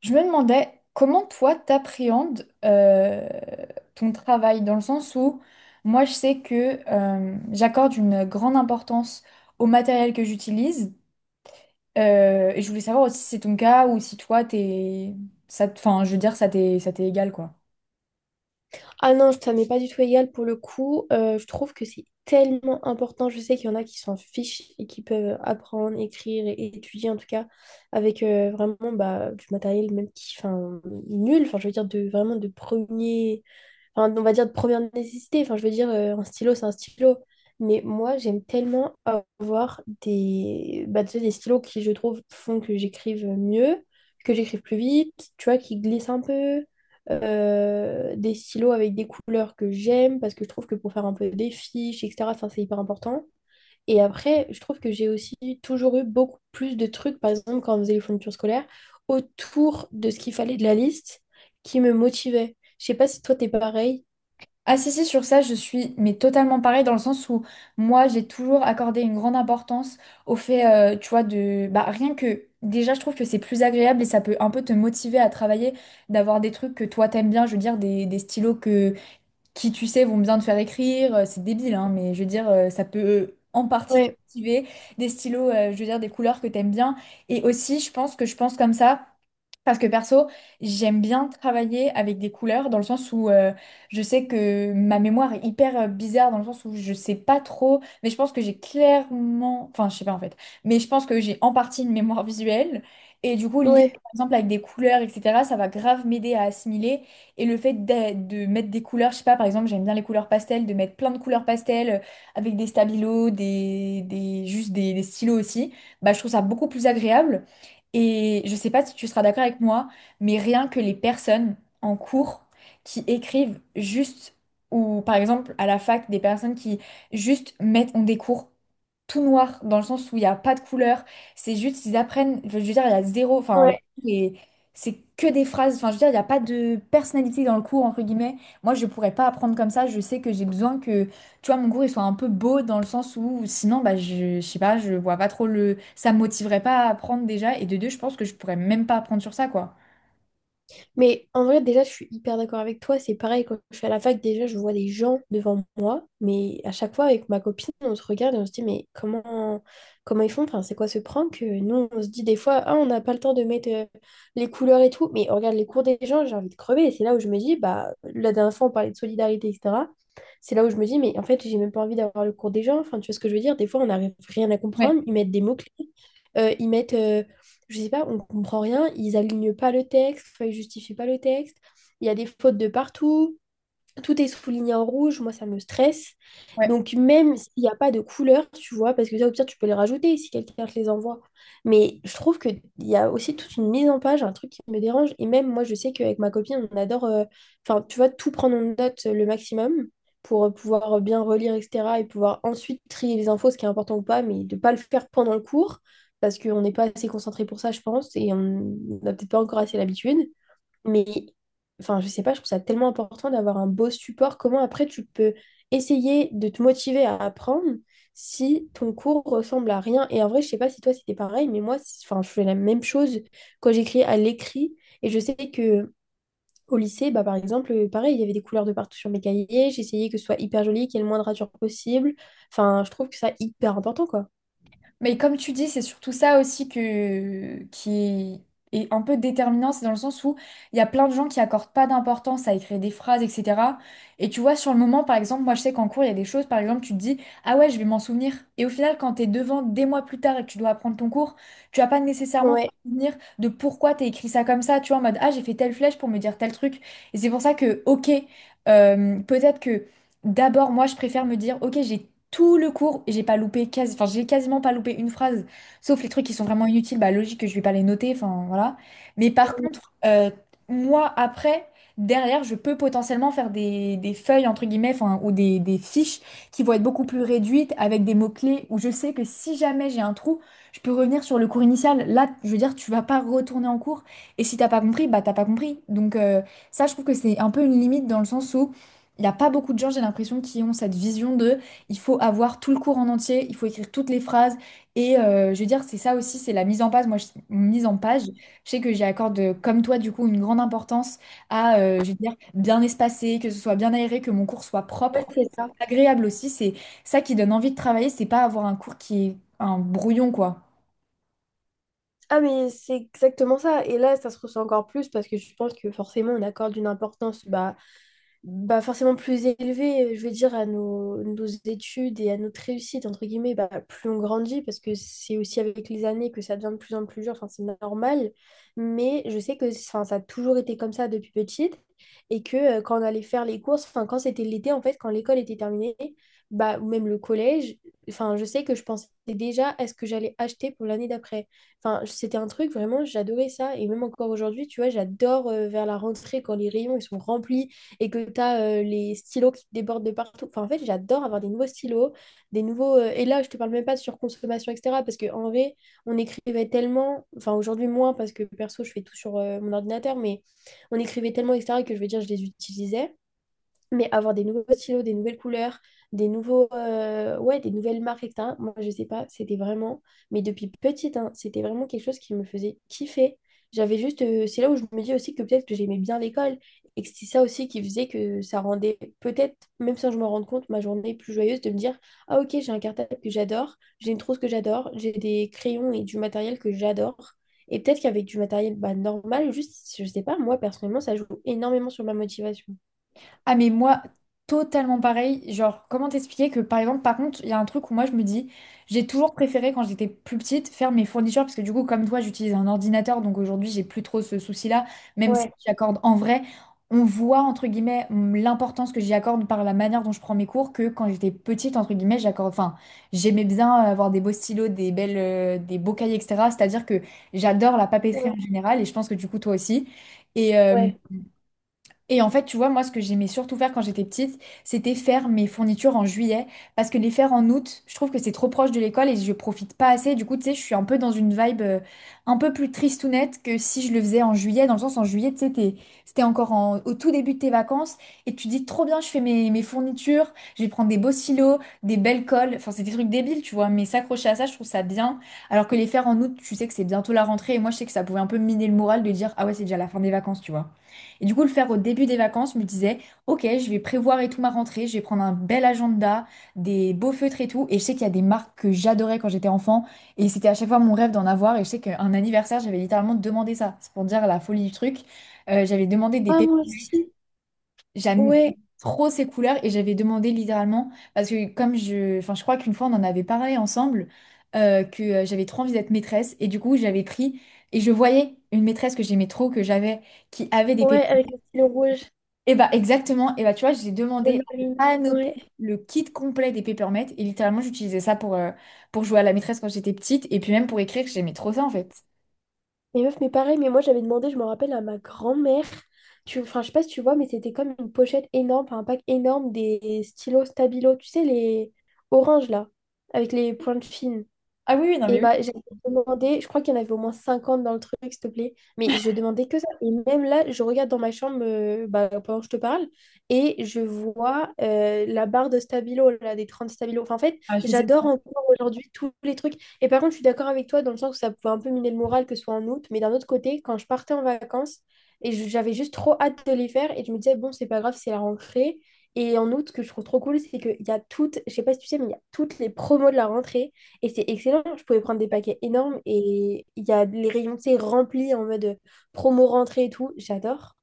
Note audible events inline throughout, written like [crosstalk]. Je me demandais comment toi t'appréhendes ton travail dans le sens où moi je sais que j'accorde une grande importance au matériel que j'utilise, et je voulais savoir aussi si c'est ton cas ou si toi t'es enfin je veux dire ça t'est égal quoi. Ah non, ça m'est pas du tout égal pour le coup. Je trouve que c'est tellement important. Je sais qu'il y en a qui s'en fichent et qui peuvent apprendre, écrire et étudier en tout cas avec vraiment bah, du matériel même qui, enfin, nul. Enfin, je veux dire de vraiment de premier, enfin, on va dire de première nécessité. Enfin, je veux dire, un stylo, c'est un stylo. Mais moi, j'aime tellement avoir des, bah, tu sais, des stylos qui, je trouve, font que j'écrive mieux, que j'écrive plus vite, tu vois, qui glissent un peu. Des stylos avec des couleurs que j'aime, parce que je trouve que pour faire un peu des fiches, etc., enfin, c'est hyper important. Et après, je trouve que j'ai aussi toujours eu beaucoup plus de trucs, par exemple, quand on faisait les fournitures scolaires, autour de ce qu'il fallait de la liste qui me motivait. Je sais pas si toi, t'es pareil. Ah si, si, sur ça, je suis mais totalement pareil dans le sens où moi, j'ai toujours accordé une grande importance au fait, tu vois, de... Bah, rien que... Déjà, je trouve que c'est plus agréable et ça peut un peu te motiver à travailler, d'avoir des trucs que toi, t'aimes bien, je veux dire, des stylos que, qui, tu sais, vont bien te faire écrire. C'est débile, hein, mais je veux dire, ça peut en partie te Ouais, motiver. Des stylos, je veux dire, des couleurs que t'aimes bien. Et aussi, je pense comme ça. Parce que perso, j'aime bien travailler avec des couleurs dans le sens où, je sais que ma mémoire est hyper bizarre dans le sens où je sais pas trop, mais je pense que j'ai clairement, enfin je sais pas en fait, mais je pense que j'ai en partie une mémoire [laughs] visuelle, et du coup lire ouais, par exemple avec des couleurs etc. ça va grave m'aider à assimiler. Et le fait de mettre des couleurs, je sais pas, par exemple j'aime bien les couleurs pastel, de mettre plein de couleurs pastel, avec des stabilos, des stylos aussi, bah je trouve ça beaucoup plus agréable. Et je sais pas si tu seras d'accord avec moi, mais rien que les personnes en cours qui écrivent juste, ou par exemple à la fac, des personnes qui juste mettent, ont des cours tout noirs, dans le sens où il n'y a pas de couleur, c'est juste, ils apprennent, enfin, je veux dire, il y a zéro, enfin, ouais. et c'est que des phrases, enfin, je veux dire, il n'y a pas de personnalité dans le cours, entre guillemets. Moi, je pourrais pas apprendre comme ça, je sais que j'ai besoin que, tu vois, mon cours, il soit un peu beau, dans le sens où sinon, bah, je sais pas, je vois pas trop le... Ça me motiverait pas à apprendre déjà. Et de deux, je pense que je pourrais même pas apprendre sur ça, quoi. Mais en vrai, déjà, je suis hyper d'accord avec toi. C'est pareil, quand je suis à la fac, déjà, je vois des gens devant moi. Mais à chaque fois, avec ma copine, on se regarde et on se dit, mais comment, comment ils font? Enfin, c'est quoi ce prank? Nous, on se dit des fois, ah, on n'a pas le temps de mettre les couleurs et tout. Mais on regarde les cours des gens, j'ai envie de crever. Et c'est là où je me dis, bah, la dernière fois, on parlait de solidarité, etc. C'est là où je me dis, mais en fait, j'ai même pas envie d'avoir le cours des gens. Enfin, tu vois ce que je veux dire? Des fois, on n'arrive rien à comprendre. Ils mettent des mots-clés. Ils mettent je sais pas, on comprend rien, ils alignent pas le texte, enfin, ils justifient pas le texte, il y a des fautes de partout, tout est souligné en rouge, moi ça me stresse. Ouais. Donc même s'il n'y a pas de couleur, tu vois, parce que ça au pire tu peux les rajouter si quelqu'un te les envoie. Mais je trouve qu'il y a aussi toute une mise en page, un truc qui me dérange. Et même moi je sais qu'avec ma copine on adore, enfin tu vois, tout prendre en note le maximum pour pouvoir bien relire, etc. Et pouvoir ensuite trier les infos, ce qui est important ou pas, mais de ne pas le faire pendant le cours, parce qu'on n'est pas assez concentré pour ça, je pense, et on n'a peut-être pas encore assez l'habitude. Mais, enfin, je sais pas, je trouve ça tellement important d'avoir un beau support. Comment après tu peux essayer de te motiver à apprendre si ton cours ressemble à rien? Et en vrai, je sais pas si toi c'était pareil, mais moi, enfin, je fais la même chose quand j'écris à l'écrit. Et je sais que au lycée, bah, par exemple, pareil, il y avait des couleurs de partout sur mes cahiers. J'essayais que ce soit hyper joli, qu'il y ait le moins de ratures possible. Enfin, je trouve que ça hyper important, quoi. Mais comme tu dis, c'est surtout ça aussi qui est un peu déterminant, c'est dans le sens où il y a plein de gens qui accordent pas d'importance à écrire des phrases, etc. Et tu vois, sur le moment, par exemple, moi je sais qu'en cours, il y a des choses, par exemple, tu te dis, ah ouais, je vais m'en souvenir. Et au final, quand t'es devant des mois plus tard et que tu dois apprendre ton cours, tu vas pas nécessairement te Ouais, souvenir de pourquoi t'as écrit ça comme ça, tu vois, en mode, ah, j'ai fait telle flèche pour me dire tel truc. Et c'est pour ça que, ok, peut-être que D'abord, moi, je préfère me dire, ok, j'ai tout le cours, et j'ai pas loupé, quasi, enfin, j'ai quasiment pas loupé une phrase, sauf les trucs qui sont vraiment inutiles, bah logique que je vais pas les noter, enfin voilà. Mais par contre, moi, après, derrière, je peux potentiellement faire des feuilles, entre guillemets, enfin, ou des fiches qui vont être beaucoup plus réduites, avec des mots-clés, où je sais que si jamais j'ai un trou, je peux revenir sur le cours initial. Là, je veux dire, tu vas pas retourner en cours, et si t'as pas compris, bah t'as pas compris. Donc, ça, je trouve que c'est un peu une limite dans le sens où il n'y a pas beaucoup de gens, j'ai l'impression, qui ont cette vision de il faut avoir tout le cours en entier, il faut écrire toutes les phrases. Et, je veux dire, c'est ça aussi, c'est la mise en page. Mise en page, je sais que j'y accorde, comme toi, du coup, une grande importance à, je veux dire, bien espacer, que ce soit bien aéré, que mon cours soit ouais, propre. En fait, c'est ça. c'est agréable aussi, c'est ça qui donne envie de travailler, c'est pas avoir un cours qui est un brouillon, quoi. Ah, mais c'est exactement ça. Et là, ça se ressent encore plus parce que je pense que forcément, on accorde une importance bah, bah, forcément plus élevé, je veux dire, à nos, nos études et à notre réussite, entre guillemets, bah, plus on grandit, parce que c'est aussi avec les années que ça devient de plus en plus dur, enfin, c'est normal, mais je sais que enfin, ça a toujours été comme ça depuis petite, et que quand on allait faire les courses, enfin, quand c'était l'été, en fait, quand l'école était terminée, bah, ou même le collège, enfin, je sais que je pensais déjà à ce que j'allais acheter pour l'année d'après. Enfin, c'était un truc, vraiment, j'adorais ça, et même encore aujourd'hui, tu vois, j'adore vers la rentrée, quand les rayons, ils sont remplis, et que tu as les stylos qui débordent de partout. Enfin, en fait, j'adore avoir des nouveaux stylos, des nouveaux. Et là, je te parle même pas de surconsommation, etc. Parce qu'en vrai, on écrivait tellement. Enfin, aujourd'hui, moins, parce que perso, je fais tout sur mon ordinateur, mais on écrivait tellement, etc., que je veux dire, je les utilisais. Mais avoir des nouveaux stylos, des nouvelles couleurs, des nouveaux, ouais, des nouvelles marques, et etc. Moi, je sais pas, c'était vraiment, mais depuis petite, hein, c'était vraiment quelque chose qui me faisait kiffer. J'avais juste, c'est là où je me dis aussi que peut-être que j'aimais bien l'école et que c'est ça aussi qui faisait que ça rendait peut-être, même sans que je me rende compte, ma journée plus joyeuse de me dire, ah ok, j'ai un cartable que j'adore, j'ai une trousse que j'adore, j'ai des crayons et du matériel que j'adore. Et peut-être qu'avec du matériel bah, normal, juste, je sais pas, moi personnellement, ça joue énormément sur ma motivation. Ah mais moi, totalement pareil. Genre, comment t'expliquer que par exemple, par contre, il y a un truc où moi je me dis, j'ai toujours préféré quand j'étais plus petite faire mes fournitures parce que du coup, comme toi, j'utilise un ordinateur, donc aujourd'hui, j'ai plus trop ce souci-là, même si Ouais. j'accorde en vrai, on voit entre guillemets l'importance que j'y accorde par la manière dont je prends mes cours, que quand j'étais petite, entre guillemets, j'accorde, enfin, j'aimais bien avoir des beaux stylos, des belles, des beaux cahiers, etc. C'est-à-dire que j'adore la papeterie Ouais, en général et je pense que du coup, toi aussi. Et, euh, Ouais. et en fait, tu vois, moi, ce que j'aimais surtout faire quand j'étais petite, c'était faire mes fournitures en juillet, parce que les faire en août, je trouve que c'est trop proche de l'école et je profite pas assez. Du coup, tu sais, je suis un peu dans une vibe, un peu plus tristounette que si je le faisais en juillet, dans le sens, en juillet, tu sais, c'était encore au tout début de tes vacances et tu dis trop bien, je fais mes fournitures, je vais prendre des beaux silos, des belles colles, enfin, c'est des trucs débiles, tu vois, mais s'accrocher à ça, je trouve ça bien. Alors que les faire en août, tu sais que c'est bientôt la rentrée et moi, je sais que ça pouvait un peu miner le moral de dire, ah ouais, c'est déjà la fin des vacances, tu vois. Et du coup, le faire au début des vacances, je me disais, ok, je vais prévoir et tout ma rentrée, je vais prendre un bel agenda, des beaux feutres et tout. Et je sais qu'il y a des marques que j'adorais quand j'étais enfant, et c'était à chaque fois mon rêve d'en avoir. Et je sais qu'un anniversaire, j'avais littéralement demandé ça. C'est pour dire la folie du truc. J'avais demandé des Ah, moi pépites, aussi. j'aime Ouais, trop ces couleurs, et j'avais demandé littéralement, parce que comme je, enfin, je crois qu'une fois on en avait parlé ensemble, que j'avais trop envie d'être maîtresse, et du coup, j'avais pris, et je voyais une maîtresse que j'aimais trop, que j'avais, qui avait des Ouais, pépites. avec le stylo rouge, Et bah exactement, et bah tu vois, j'ai le demandé la marine. panoplie, Ouais. le kit complet des Papermate, et littéralement j'utilisais ça pour jouer à la maîtresse quand j'étais petite, et puis même pour écrire, j'aimais trop ça en fait. Mais meuf, mais pareil, mais moi j'avais demandé, je me rappelle à ma grand-mère, enfin je sais pas si tu vois, mais c'était comme une pochette énorme, enfin, un pack énorme des stylos Stabilo, tu sais, les oranges là, avec les pointes fines. Ah oui, oui, non Et mais oui. bah, j'avais demandé, je crois qu'il y en avait au moins 50 dans le truc, s'il te plaît. Mais je demandais que ça. Et même là, je regarde dans ma chambre bah, pendant que je te parle et je vois la barre de stabilo, là, des 30 stabilo. Enfin, en fait, Ah, je faisais. j'adore encore aujourd'hui tous les trucs. Et par contre, je suis d'accord avec toi dans le sens où ça pouvait un peu miner le moral que ce soit en août. Mais d'un autre côté, quand je partais en vacances, et j'avais juste trop hâte de les faire et je me disais, bon, c'est pas grave, c'est la rentrée. Et en août, ce que je trouve trop cool, c'est qu'il y a toutes, je sais pas si tu sais, mais il y a toutes les promos de la rentrée. Et c'est excellent, je pouvais prendre des paquets énormes et il y a les rayons, tu sais, remplis en mode promo rentrée et tout, j'adore.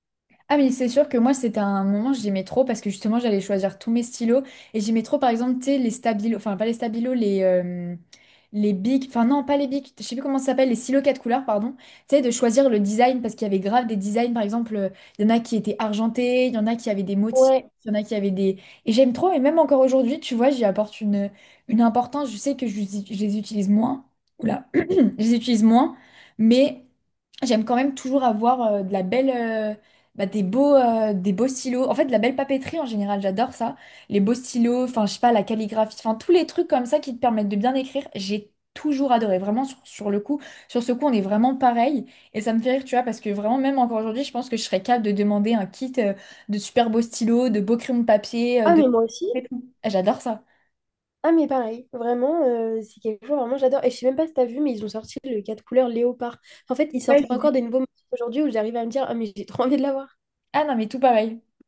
Ah mais c'est sûr que moi c'était un moment j'aimais trop parce que justement j'allais choisir tous mes stylos, et j'aimais trop par exemple, tu sais, les stabilos, enfin pas les stabilos, les, les bics, enfin non pas les bics, je sais plus comment ça s'appelle, les stylos quatre couleurs pardon, tu sais, de choisir le design parce qu'il y avait grave des designs, par exemple, il y en a qui étaient argentés, il y en a qui avaient des motifs, Ouais. il y en a qui avaient des et j'aime trop, et même encore aujourd'hui tu vois j'y apporte une importance, je sais que je les utilise moins. Oula. Je les utilise moins, mais j'aime quand même toujours avoir, de la belle, bah, des beaux stylos. En fait, de la belle papeterie en général, j'adore ça. Les beaux stylos, enfin, je sais pas, la calligraphie, enfin, tous les trucs comme ça qui te permettent de bien écrire, j'ai toujours adoré. Vraiment, sur le coup, sur ce coup, on est vraiment pareil. Et ça me fait rire, tu vois, parce que vraiment, même encore aujourd'hui, je pense que je serais capable de demander un kit, de super beaux stylos, de beaux crayons de papier, Ah, de... mais moi aussi. J'adore ça. Ah, mais pareil, vraiment, c'est quelque chose, vraiment, j'adore. Et je sais même pas si t'as vu, mais ils ont sorti le 4 couleurs léopard. En fait, ils Ouais, sortent j'ai vu. encore des nouveaux motifs aujourd'hui où j'arrive à me dire, ah, mais j'ai trop envie de l'avoir. Ah non, mais tout pareil.